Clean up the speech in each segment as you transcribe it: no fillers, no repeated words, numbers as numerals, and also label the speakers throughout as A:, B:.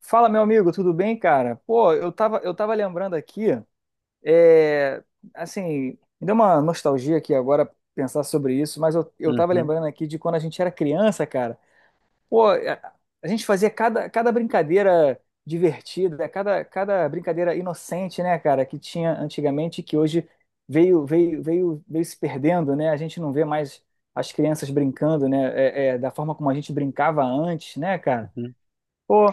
A: Fala, meu amigo, tudo bem, cara? Pô, eu tava lembrando aqui, é, assim, me deu uma nostalgia aqui agora pensar sobre isso, mas eu tava
B: Uhum,
A: lembrando aqui de quando a gente era criança, cara. Pô, a, a gente fazia cada brincadeira divertida, cada brincadeira inocente, né, cara, que tinha antigamente e que hoje veio se perdendo, né? A gente não vê mais as crianças brincando, né? Da forma como a gente brincava antes, né, cara?
B: uhum.
A: Pô.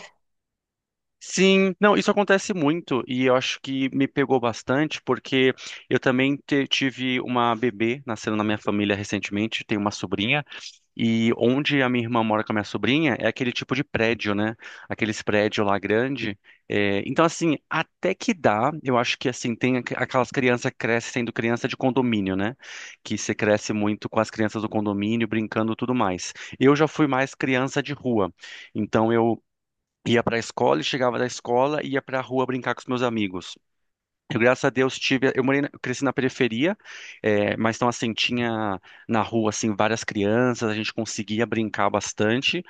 B: Sim, não, isso acontece muito e eu acho que me pegou bastante porque eu também tive uma bebê nascendo na minha família recentemente, tenho uma sobrinha e onde a minha irmã mora com a minha sobrinha é aquele tipo de prédio, né? Aqueles prédios lá grande. É, então assim, até que dá, eu acho que assim tem aquelas crianças que crescem sendo criança de condomínio, né? Que você cresce muito com as crianças do condomínio brincando e tudo mais. Eu já fui mais criança de rua. Então eu ia para a escola e chegava da escola ia para a rua brincar com os meus amigos. Eu, graças a Deus, tive. Eu cresci na periferia, mas então, assim, tinha na rua, assim, várias crianças, a gente conseguia brincar bastante.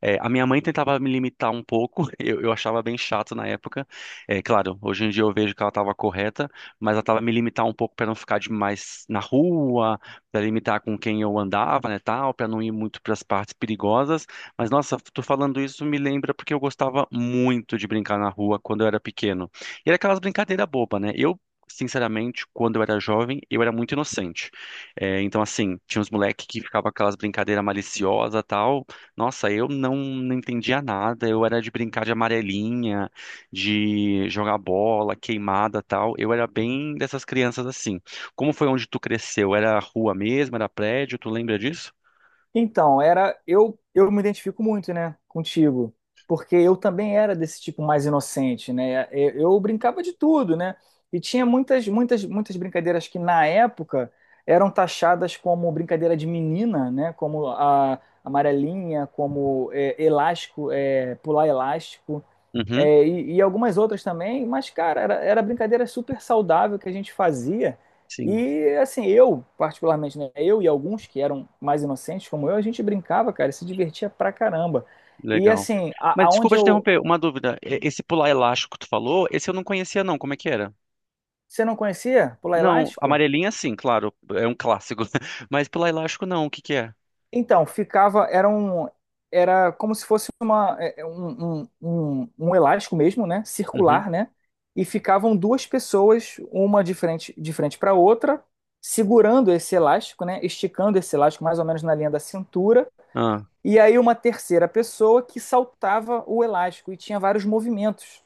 B: É, a minha mãe tentava me limitar um pouco, eu achava bem chato na época. É, claro, hoje em dia eu vejo que ela estava correta, mas ela estava me limitar um pouco para não ficar demais na rua, para limitar com quem eu andava, né, tal, para não ir muito para as partes perigosas. Mas nossa, tu falando isso me lembra porque eu gostava muito de brincar na rua quando eu era pequeno. E era aquelas brincadeiras bobas, né? Eu Sinceramente, quando eu era jovem, eu era muito inocente. É, então, assim, tinha uns moleques que ficavam aquelas brincadeiras maliciosas tal, nossa, eu não entendia nada. Eu era de brincar de amarelinha, de jogar bola, queimada, tal. Eu era bem dessas crianças assim. Como foi onde tu cresceu? Era rua mesmo? Era prédio? Tu lembra disso?
A: Então, era eu me identifico muito, né, contigo, porque eu também era desse tipo mais inocente, né? Eu brincava de tudo, né? E tinha muitas brincadeiras que na época eram taxadas como brincadeira de menina, né? Como a amarelinha, como é, elástico, é, pular elástico.
B: Uhum,
A: É, e algumas outras também, mas, cara, era brincadeira super saudável que a gente fazia.
B: sim,
A: E, assim, eu, particularmente, né, eu e alguns que eram mais inocentes como eu, a gente brincava, cara, e se divertia pra caramba. E,
B: legal.
A: assim,
B: Mas
A: aonde
B: desculpa te
A: eu.
B: interromper, uma dúvida. Esse pular elástico que tu falou, esse eu não conhecia não. Como é que era?
A: Você não conhecia pular
B: Não,
A: elástico?
B: amarelinha sim, claro, é um clássico. Mas pular elástico não, o que que é?
A: Então, ficava, era um, era como se fosse uma, é um elástico mesmo, né?
B: Uhum.
A: Circular, né? E ficavam duas pessoas, uma de frente para outra, segurando esse elástico, né? Esticando esse elástico mais ou menos na linha da cintura.
B: Ah,
A: E aí uma terceira pessoa que saltava o elástico e tinha vários movimentos.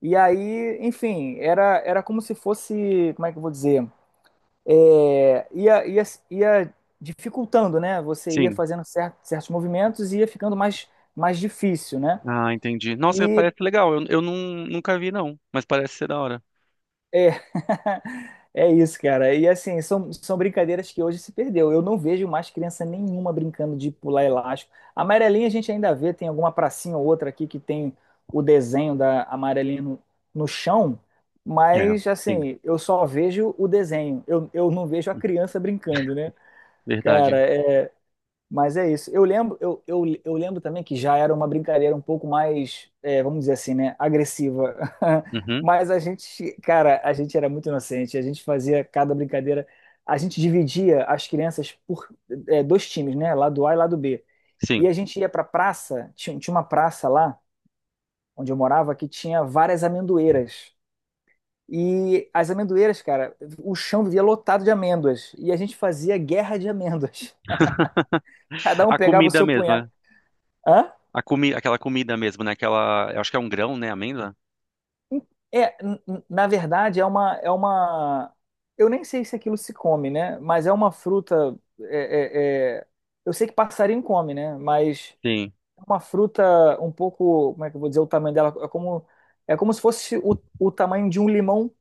A: E aí, enfim, era como se fosse, como é que eu vou dizer? é, ia, ia, ia dificultando, né? Você ia
B: sim.
A: fazendo certos movimentos e ia ficando mais, mais difícil, né?
B: Ah, entendi. Nossa,
A: E
B: parece legal. Nunca vi, não. Mas parece ser da hora.
A: é, é isso, cara. E assim, são brincadeiras que hoje se perdeu. Eu não vejo mais criança nenhuma brincando de pular elástico. A amarelinha a gente ainda vê, tem alguma pracinha ou outra aqui que tem o desenho da amarelinha no chão,
B: É,
A: mas
B: sim.
A: assim, eu só vejo o desenho. Eu não vejo a criança brincando, né? Cara,
B: Verdade.
A: mas é isso. Eu lembro, eu lembro também que já era uma brincadeira um pouco mais, é, vamos dizer assim, né, agressiva.
B: Uhum,
A: Mas a gente, cara, a gente era muito inocente. A gente fazia cada brincadeira. A gente dividia as crianças por, é, dois times, né? Lado A e lado B. E
B: sim.
A: a gente ia pra praça. Tinha uma praça lá, onde eu morava, que tinha várias amendoeiras. E as amendoeiras, cara, o chão vivia lotado de amêndoas. E a gente fazia guerra de amêndoas. Cada um
B: A
A: pegava o
B: comida
A: seu
B: mesmo,
A: punhado.
B: né?
A: Hã?
B: A comi Aquela comida mesmo, né? Aquela. Eu acho que é um grão, né? Amêndoa?
A: É, na verdade, é uma. Eu nem sei se aquilo se come, né? Mas é uma fruta. é- é- é- Eu sei que passarinho come, né? Mas
B: Sim.
A: é uma fruta um pouco. Como é que eu vou dizer o tamanho dela? É como se fosse o tamanho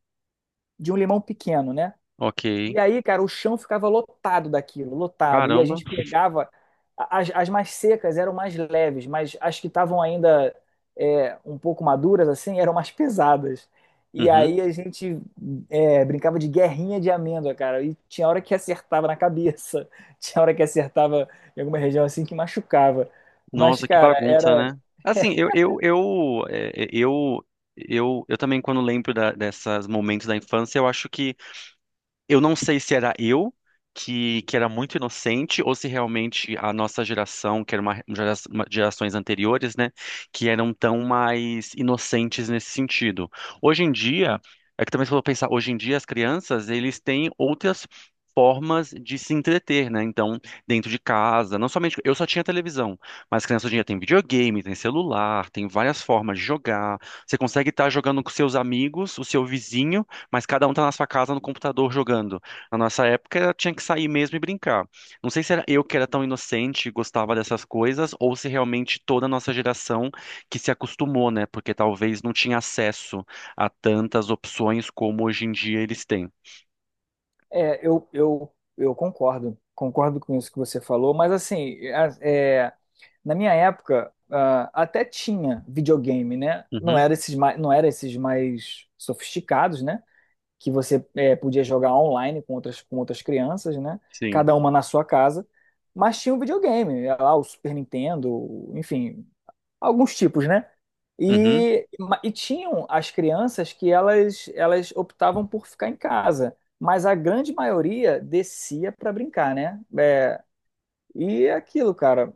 A: de um limão pequeno, né?
B: Ok.
A: E aí, cara, o chão ficava lotado daquilo, lotado. E a
B: Caramba.
A: gente pegava. As, as mais secas eram mais leves, mas as que estavam ainda é, um pouco maduras, assim, eram mais pesadas. E
B: Uhum.
A: aí a gente é, brincava de guerrinha de amêndoa, cara. E tinha hora que acertava na cabeça, tinha hora que acertava em alguma região assim que machucava. Mas,
B: Nossa, que
A: cara,
B: bagunça,
A: era.
B: né? Assim, eu, é, é, eu também, quando lembro dessas momentos da infância, eu acho que eu não sei se era eu que era muito inocente ou se realmente a nossa geração, que era gerações anteriores, né, que eram tão mais inocentes nesse sentido. Hoje em dia, é que também se for pensar, hoje em dia as crianças, eles têm outras formas de se entreter, né? Então, dentro de casa, não somente eu só tinha televisão, mas criança hoje em dia tem videogame, tem celular, tem várias formas de jogar. Você consegue estar jogando com seus amigos, o seu vizinho mas cada um tá na sua casa no computador jogando. Na nossa época tinha que sair mesmo e brincar. Não sei se era eu que era tão inocente e gostava dessas coisas, ou se realmente toda a nossa geração que se acostumou, né? Porque talvez não tinha acesso a tantas opções como hoje em dia eles têm.
A: É, eu concordo com isso que você falou, mas assim, na minha época, ah, até tinha videogame, né?
B: Uhum,
A: Não era esses mais sofisticados, né? Que você eh, podia jogar online com outras crianças, né?
B: sim.
A: Cada uma na sua casa. Mas tinha um videogame, era lá o Super Nintendo, enfim, alguns tipos, né?
B: Uhum,
A: E, e tinham as crianças que elas optavam por ficar em casa, mas a grande maioria descia para brincar, né? É, e é aquilo, cara,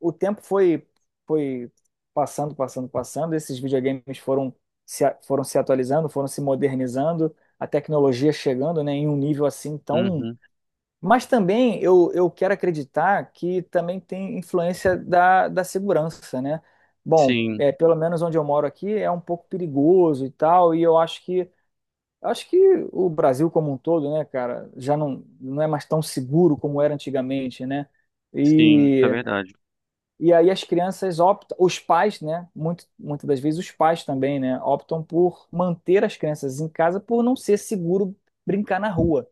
A: o tempo foi foi passando, passando, passando. Esses videogames foram se, a- foram se atualizando, foram se modernizando, a tecnologia chegando, né, em um nível assim tão.
B: uhum,
A: Mas também eu quero acreditar que também tem influência da, da segurança, né? Bom,
B: sim,
A: é, pelo menos onde eu moro aqui é um pouco perigoso e tal, e eu acho que o Brasil como um todo, né, cara, já não é mais tão seguro como era antigamente, né?
B: sim, isso é
A: E
B: verdade.
A: e aí as crianças optam, os pais, né? Muito, muitas das vezes os pais também, né? Optam por manter as crianças em casa por não ser seguro brincar na rua.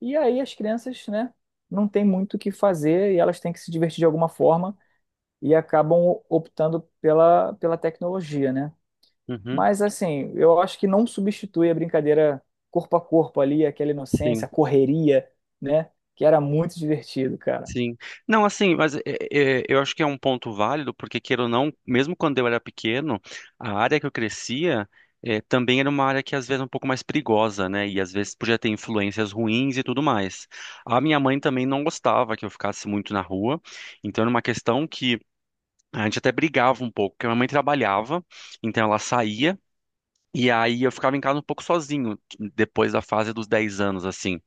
A: E aí as crianças, né? Não tem muito o que fazer e elas têm que se divertir de alguma forma e acabam optando pela, pela tecnologia, né?
B: Uhum,
A: Mas assim, eu acho que não substitui a brincadeira corpo a corpo ali, aquela inocência,
B: sim.
A: a correria, né? Que era muito divertido, cara.
B: Sim. Não, assim, mas eu acho que é um ponto válido, porque queira ou não, mesmo quando eu era pequeno, a área que eu crescia é, também era uma área que às vezes é um pouco mais perigosa, né? E às vezes podia ter influências ruins e tudo mais. A minha mãe também não gostava que eu ficasse muito na rua, então era uma questão que a gente até brigava um pouco, porque a minha mãe trabalhava, então ela saía. E aí eu ficava em casa um pouco sozinho, depois da fase dos 10 anos, assim.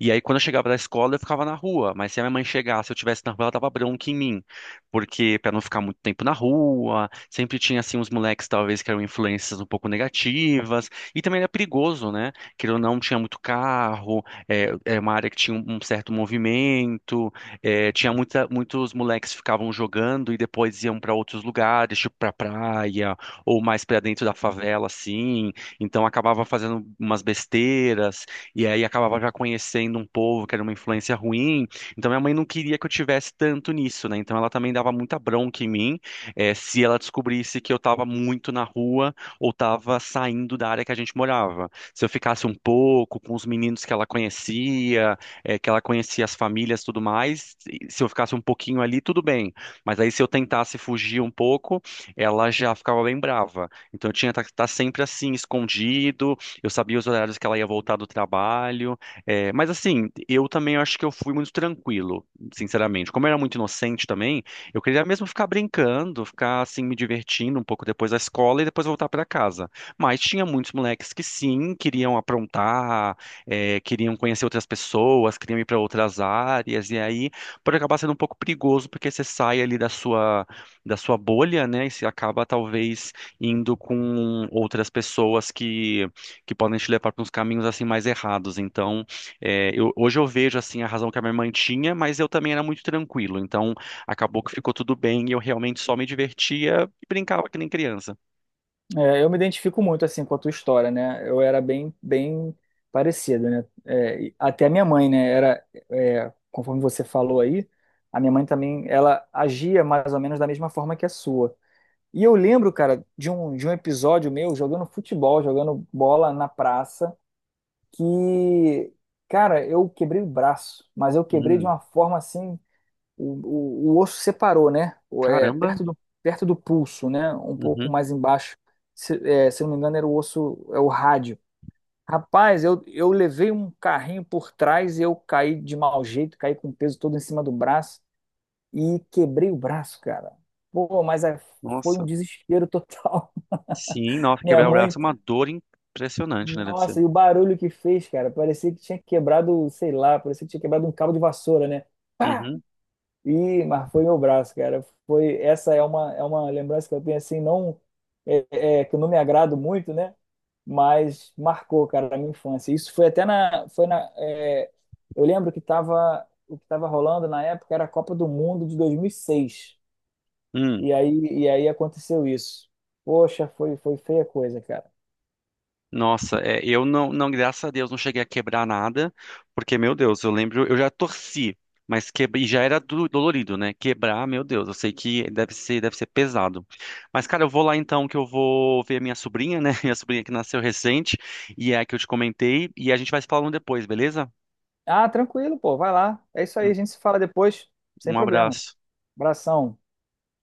B: E aí quando eu chegava da escola, eu ficava na rua, mas se a minha mãe chegasse, eu estivesse na rua, ela dava bronca em mim, porque para não ficar muito tempo na rua, sempre tinha, assim, uns moleques, talvez, que eram influências um pouco negativas, e também era perigoso, né? Que eu não, tinha muito carro, é uma área que tinha um certo movimento, é, tinha muitos moleques que ficavam jogando e depois iam para outros lugares, tipo pra praia, ou mais para dentro da favela, assim. Então acabava fazendo umas besteiras, e aí acabava já conhecendo um povo que era uma influência ruim. Então minha mãe não queria que eu tivesse tanto nisso, né? Então ela também dava muita bronca em mim, se ela descobrisse que eu estava muito na rua ou estava saindo da área que a gente morava. Se eu ficasse um pouco com os meninos que ela conhecia, que ela conhecia as famílias, e tudo mais, e se eu ficasse um pouquinho ali, tudo bem. Mas aí se eu tentasse fugir um pouco ela já ficava bem brava. Então eu tinha que estar sempre assim, escondido. Eu sabia os horários que ela ia voltar do trabalho. É, mas assim, eu também acho que eu fui muito tranquilo, sinceramente. Como eu era muito inocente também, eu queria mesmo ficar brincando, ficar assim, me divertindo um pouco depois da escola e depois voltar para casa. Mas tinha muitos moleques que sim, queriam aprontar, é, queriam conhecer outras pessoas, queriam ir para outras áreas. E aí pode acabar sendo um pouco perigoso, porque você sai ali da sua bolha, né? E se acaba talvez indo com outras pessoas que podem te levar para uns caminhos assim mais errados. Então, é, hoje eu vejo assim a razão que a minha irmã tinha, mas eu também era muito tranquilo. Então, acabou que ficou tudo bem e eu realmente só me divertia e brincava que nem criança.
A: É, eu me identifico muito assim com a tua história, né? Eu era bem, bem parecido, né? É, e até a minha mãe, né? Era, é, conforme você falou aí, a minha mãe também, ela agia mais ou menos da mesma forma que a sua. E eu lembro, cara, de um episódio meu jogando futebol, jogando bola na praça, que, cara, eu quebrei o braço, mas eu quebrei de
B: Hum,
A: uma forma assim o, o osso separou, né? É,
B: caramba.
A: perto do pulso, né? Um pouco
B: Uhum.
A: mais embaixo. Se, é, se eu não me engano, era o osso, é o rádio. Rapaz, eu levei um carrinho por trás e eu caí de mau jeito, caí com o peso todo em cima do braço e quebrei o braço, cara. Pô, mas é- foi um
B: Nossa.
A: desespero total.
B: Sim, nossa,
A: Minha
B: quebrar o
A: mãe,
B: braço é uma dor impressionante, né? Deve ser.
A: nossa, e o barulho que fez, cara, parecia que tinha quebrado, sei lá, parecia que tinha quebrado um cabo de vassoura, né? Pá!
B: Uhum.
A: E, mas foi meu braço, cara. Foi, é uma lembrança que eu tenho, assim, não, que eu não me agrado muito, né? Mas marcou, cara, a minha infância. Isso foi até na, foi na, é, eu lembro que tava, o que estava rolando na época era a Copa do Mundo de 2006.
B: Hum.
A: E seis. E aí aconteceu isso. Poxa, foi feia a coisa, cara.
B: Nossa, é, eu não, graças a Deus, não cheguei a quebrar nada, porque, meu Deus, eu lembro, eu já torci, mas que, e já era dolorido, né? Quebrar, meu Deus, eu sei que deve ser pesado. Mas, cara, eu vou lá então, que eu vou ver minha sobrinha, né? Minha sobrinha que nasceu recente, e é a que eu te comentei, e a gente vai se falando depois, beleza?
A: Ah, tranquilo, pô, vai lá. É isso aí,
B: Um,
A: a gente se fala depois, sem
B: um
A: problemas.
B: abraço.
A: Abração.